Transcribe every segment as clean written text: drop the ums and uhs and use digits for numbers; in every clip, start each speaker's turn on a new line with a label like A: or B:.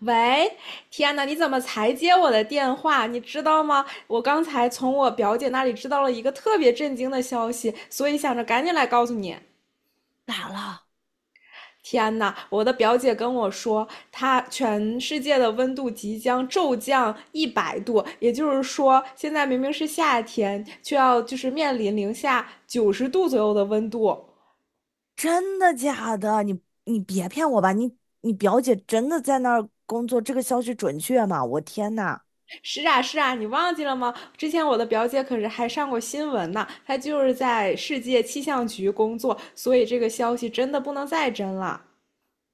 A: 喂，天呐，你怎么才接我的电话？你知道吗？我刚才从我表姐那里知道了一个特别震惊的消息，所以想着赶紧来告诉你。
B: 咋了？
A: 天呐，我的表姐跟我说，她全世界的温度即将骤降一百度，也就是说，现在明明是夏天，却要就是面临零下90度左右的温度。
B: 真的假的？你别骗我吧！你表姐真的在那儿工作，这个消息准确吗？我天呐，
A: 是啊，是啊，你忘记了吗？之前我的表姐可是还上过新闻呢，她就是在世界气象局工作，所以这个消息真的不能再真了。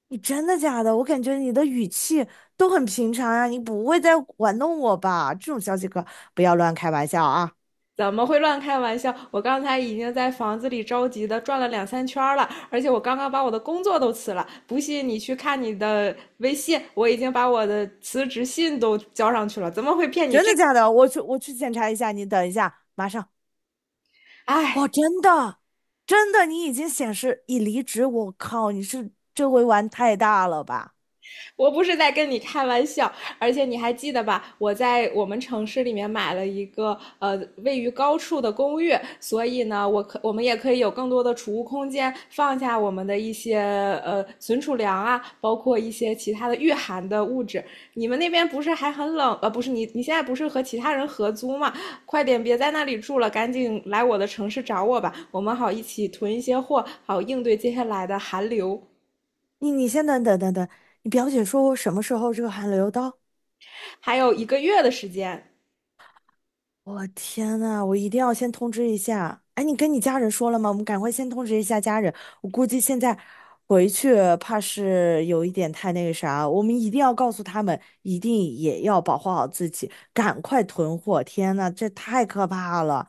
B: 你真的假的？我感觉你的语气都很平常呀，你不会在玩弄我吧？这种消息可不要乱开玩笑啊！
A: 怎么会乱开玩笑？我刚才已经在房子里着急的转了两三圈了，而且我刚刚把我的工作都辞了。不信你去看你的微信，我已经把我的辞职信都交上去了。怎么会骗你
B: 真
A: 这？
B: 的假的？我去检查一下，你等一下，马上。
A: 哎，
B: 哇，真的，你已经显示已离职。我靠，你是这回玩太大了吧？
A: 我不是在跟你开玩笑，而且你还记得吧？我在我们城市里面买了一个位于高处的公寓，所以呢，我们也可以有更多的储物空间，放下我们的一些存储粮啊，包括一些其他的御寒的物质。你们那边不是还很冷？不是你现在不是和其他人合租吗？快点别在那里住了，赶紧来我的城市找我吧，我们好一起囤一些货，好应对接下来的寒流。
B: 你先等等，你表姐说我什么时候这个函留到？
A: 还有一个月的时间。
B: 我天呐，我一定要先通知一下。哎，你跟你家人说了吗？我们赶快先通知一下家人。我估计现在回去怕是有一点太那个啥，我们一定要告诉他们，一定也要保护好自己，赶快囤货。天呐，这太可怕了！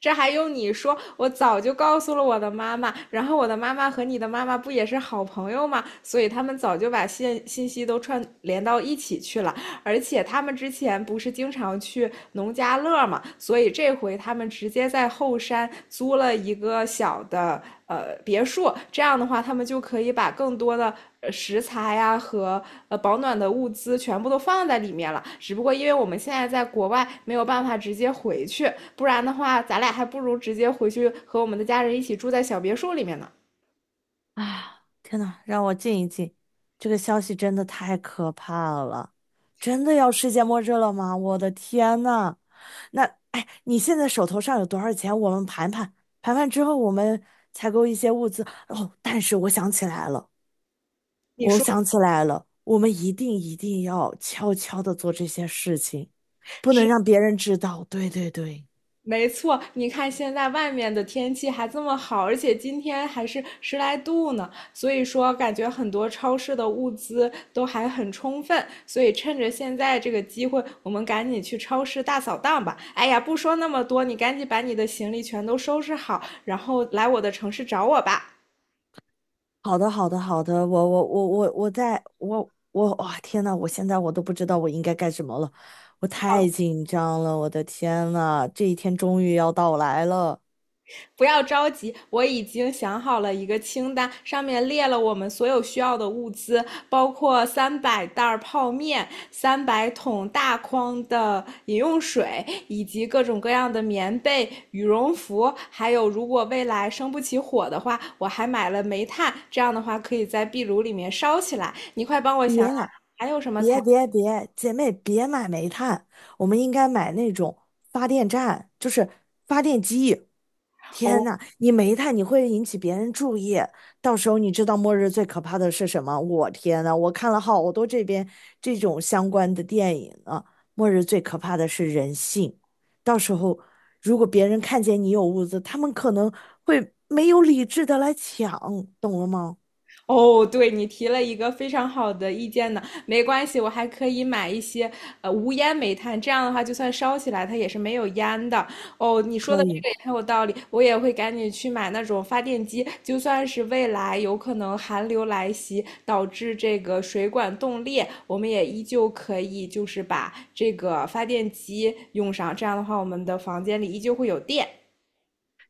A: 这还用你说？我早就告诉了我的妈妈，然后我的妈妈和你的妈妈不也是好朋友吗？所以他们早就把信息都串联到一起去了。而且他们之前不是经常去农家乐嘛，所以这回他们直接在后山租了一个小的别墅，这样的话，他们就可以把更多的食材呀、啊和保暖的物资全部都放在里面了。只不过因为我们现在在国外没有办法直接回去，不然的话，咱俩还不如直接回去和我们的家人一起住在小别墅里面呢。
B: 天呐，让我静一静，这个消息真的太可怕了，真的要世界末日了吗？我的天呐！那哎，你现在手头上有多少钱？我们盘盘，盘盘之后我们采购一些物资。哦，但是我想起来了，
A: 你
B: 我
A: 说。
B: 想起来了，我们一定要悄悄的做这些事情，不能让别人知道。对对对，
A: 没错，你看现在外面的天气还这么好，而且今天还是10来度呢，所以说感觉很多超市的物资都还很充分，所以趁着现在这个机会，我们赶紧去超市大扫荡吧。哎呀，不说那么多，你赶紧把你的行李全都收拾好，然后来我的城市找我吧。
B: 好的好的好的，我哇、天呐，我现在都不知道我应该干什么了，我太紧张了，我的天呐，这一天终于要到来了。
A: 不要着急，我已经想好了一个清单，上面列了我们所有需要的物资，包括300袋泡面、300桶大筐的饮用水，以及各种各样的棉被、羽绒服，还有如果未来生不起火的话，我还买了煤炭，这样的话可以在壁炉里面烧起来。你快帮我
B: 别
A: 想想。
B: 呀、别别别，姐妹别买煤炭，我们应该买那种发电站，就是发电机。天
A: 哦，
B: 呐，你煤炭你会引起别人注意，到时候你知道末日最可怕的是什么？我天呐，我看了好多这边这种相关的电影啊，末日最可怕的是人性。到时候如果别人看见你有物资，他们可能会没有理智的来抢，懂了吗？
A: 哦，对，你提了一个非常好的意见呢。没关系，我还可以买一些无烟煤炭，这样的话就算烧起来它也是没有烟的。哦，你说
B: 可
A: 的这
B: 以。
A: 个也很有道理，我也会赶紧去买那种发电机，就算是未来有可能寒流来袭导致这个水管冻裂，我们也依旧可以就是把这个发电机用上，这样的话我们的房间里依旧会有电。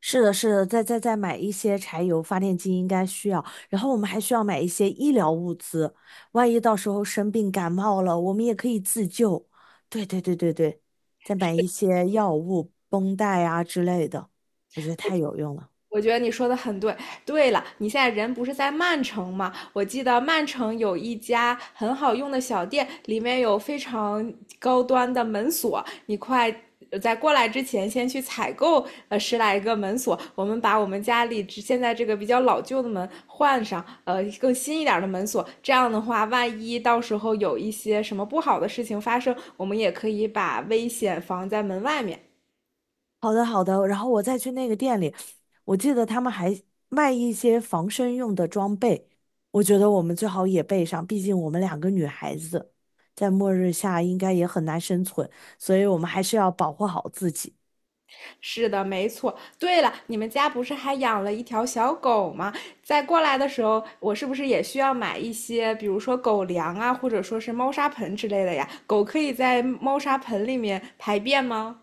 B: 是的，是的，再买一些柴油发电机应该需要，然后我们还需要买一些医疗物资，万一到时候生病感冒了，我们也可以自救。对对对对对，再买一些药物、绷带啊之类的，我觉得太有用了。
A: 我觉得你说的很对。对了，你现在人不是在曼城吗？我记得曼城有一家很好用的小店，里面有非常高端的门锁。你快在过来之前，先去采购10来个门锁。我们把我们家里现在这个比较老旧的门换上，更新一点的门锁。这样的话，万一到时候有一些什么不好的事情发生，我们也可以把危险防在门外面。
B: 好的，好的，然后我再去那个店里，我记得他们还卖一些防身用的装备，我觉得我们最好也备上，毕竟我们两个女孩子在末日下应该也很难生存，所以我们还是要保护好自己。
A: 是的，没错。对了，你们家不是还养了一条小狗吗？在过来的时候，我是不是也需要买一些，比如说狗粮啊，或者说是猫砂盆之类的呀？狗可以在猫砂盆里面排便吗？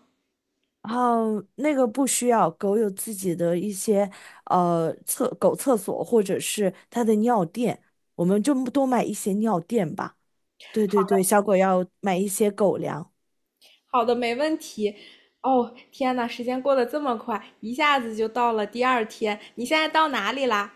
B: 然后那个不需要，狗有自己的一些狗厕所或者是它的尿垫，我们就多买一些尿垫吧。对对对，小狗要买一些狗粮。
A: 好的，没问题。哦，天呐，时间过得这么快，一下子就到了第二天。你现在到哪里啦？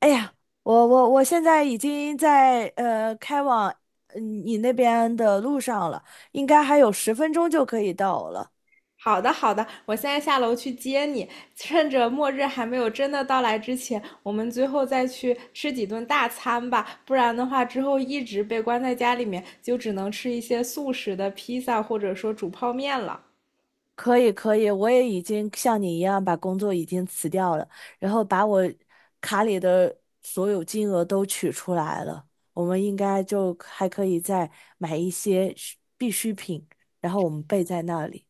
B: 哎呀，我现在已经在开往你那边的路上了，应该还有10分钟就可以到了。
A: 好的，好的，我现在下楼去接你。趁着末日还没有真的到来之前，我们最后再去吃几顿大餐吧，不然的话，之后一直被关在家里面，就只能吃一些速食的披萨或者说煮泡面了。
B: 可以可以，我也已经像你一样把工作已经辞掉了，然后把我卡里的所有金额都取出来了。我们应该就还可以再买一些需必需品，然后我们备在那里。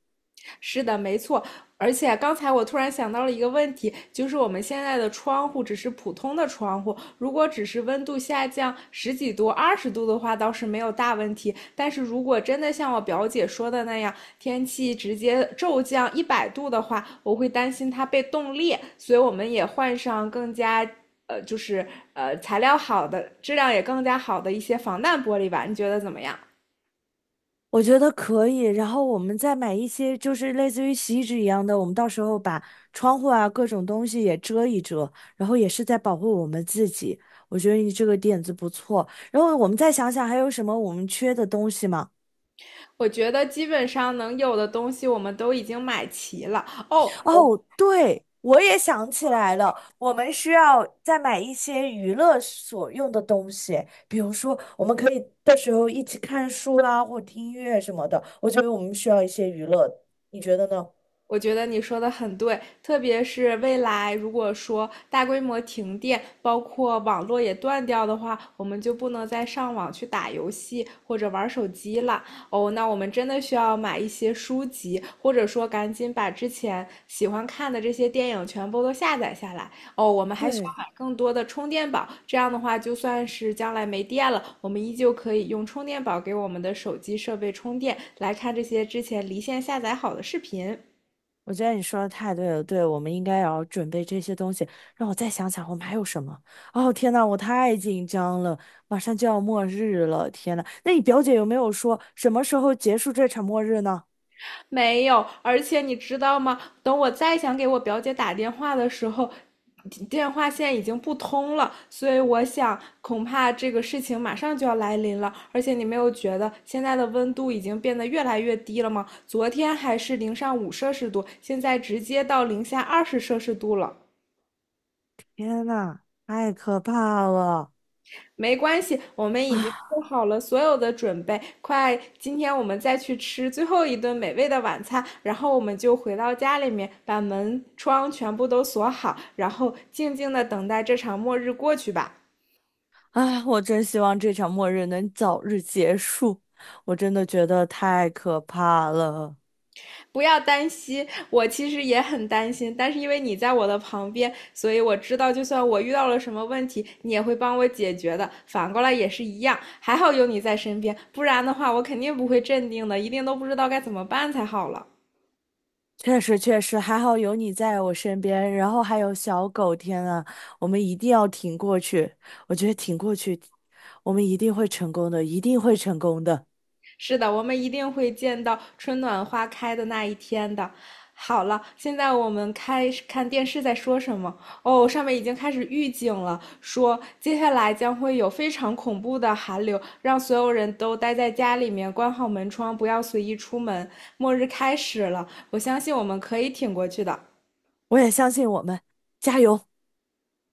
A: 是的，没错。而且刚才我突然想到了一个问题，就是我们现在的窗户只是普通的窗户，如果只是温度下降十几度、20度的话，倒是没有大问题。但是如果真的像我表姐说的那样，天气直接骤降一百度的话，我会担心它被冻裂，所以我们也换上更加就是材料好的、质量也更加好的一些防弹玻璃吧。你觉得怎么样？
B: 我觉得可以，然后我们再买一些就是类似于洗衣纸一样的，我们到时候把窗户啊各种东西也遮一遮，然后也是在保护我们自己。我觉得你这个点子不错，然后我们再想想还有什么我们缺的东西吗？
A: 我觉得基本上能有的东西我们都已经买齐了哦。
B: 哦，对，我也想起来了，我们需要再买一些娱乐所用的东西，比如说我们可以到时候一起看书啦，或听音乐什么的。我觉得我们需要一些娱乐，你觉得呢？
A: 我觉得你说的很对，特别是未来如果说大规模停电，包括网络也断掉的话，我们就不能再上网去打游戏或者玩手机了。哦，那我们真的需要买一些书籍，或者说赶紧把之前喜欢看的这些电影全部都下载下来。哦，我们还需要
B: 对。
A: 买更多的充电宝，这样的话，就算是将来没电了，我们依旧可以用充电宝给我们的手机设备充电，来看这些之前离线下载好的视频。
B: 我觉得你说的太对了，对，我们应该也要准备这些东西。让我再想想，我们还有什么？哦，天呐，我太紧张了，马上就要末日了，天呐，那你表姐有没有说什么时候结束这场末日呢？
A: 没有，而且你知道吗？等我再想给我表姐打电话的时候，电话线已经不通了，所以我想恐怕这个事情马上就要来临了。而且你没有觉得现在的温度已经变得越来越低了吗？昨天还是零上5摄氏度，现在直接到零下20摄氏度了。
B: 天呐，太可怕了！
A: 没关系，我们已经
B: 啊
A: 做好了所有的准备，快，今天我们再去吃最后一顿美味的晚餐，然后我们就回到家里面，把门窗全部都锁好，然后静静的等待这场末日过去吧。
B: 啊，我真希望这场末日能早日结束，我真的觉得太可怕了。
A: 不要担心，我其实也很担心，但是因为你在我的旁边，所以我知道，就算我遇到了什么问题，你也会帮我解决的。反过来也是一样，还好有你在身边，不然的话，我肯定不会镇定的，一定都不知道该怎么办才好了。
B: 确实确实，还好有你在我身边，然后还有小狗，天啊，我们一定要挺过去，我觉得挺过去，我们一定会成功的，一定会成功的，
A: 是的，我们一定会见到春暖花开的那一天的。好了，现在我们开始看电视在说什么。哦，上面已经开始预警了，说接下来将会有非常恐怖的寒流，让所有人都待在家里面，关好门窗，不要随意出门。末日开始了，我相信我们可以挺过去的。
B: 我也相信我们，加油！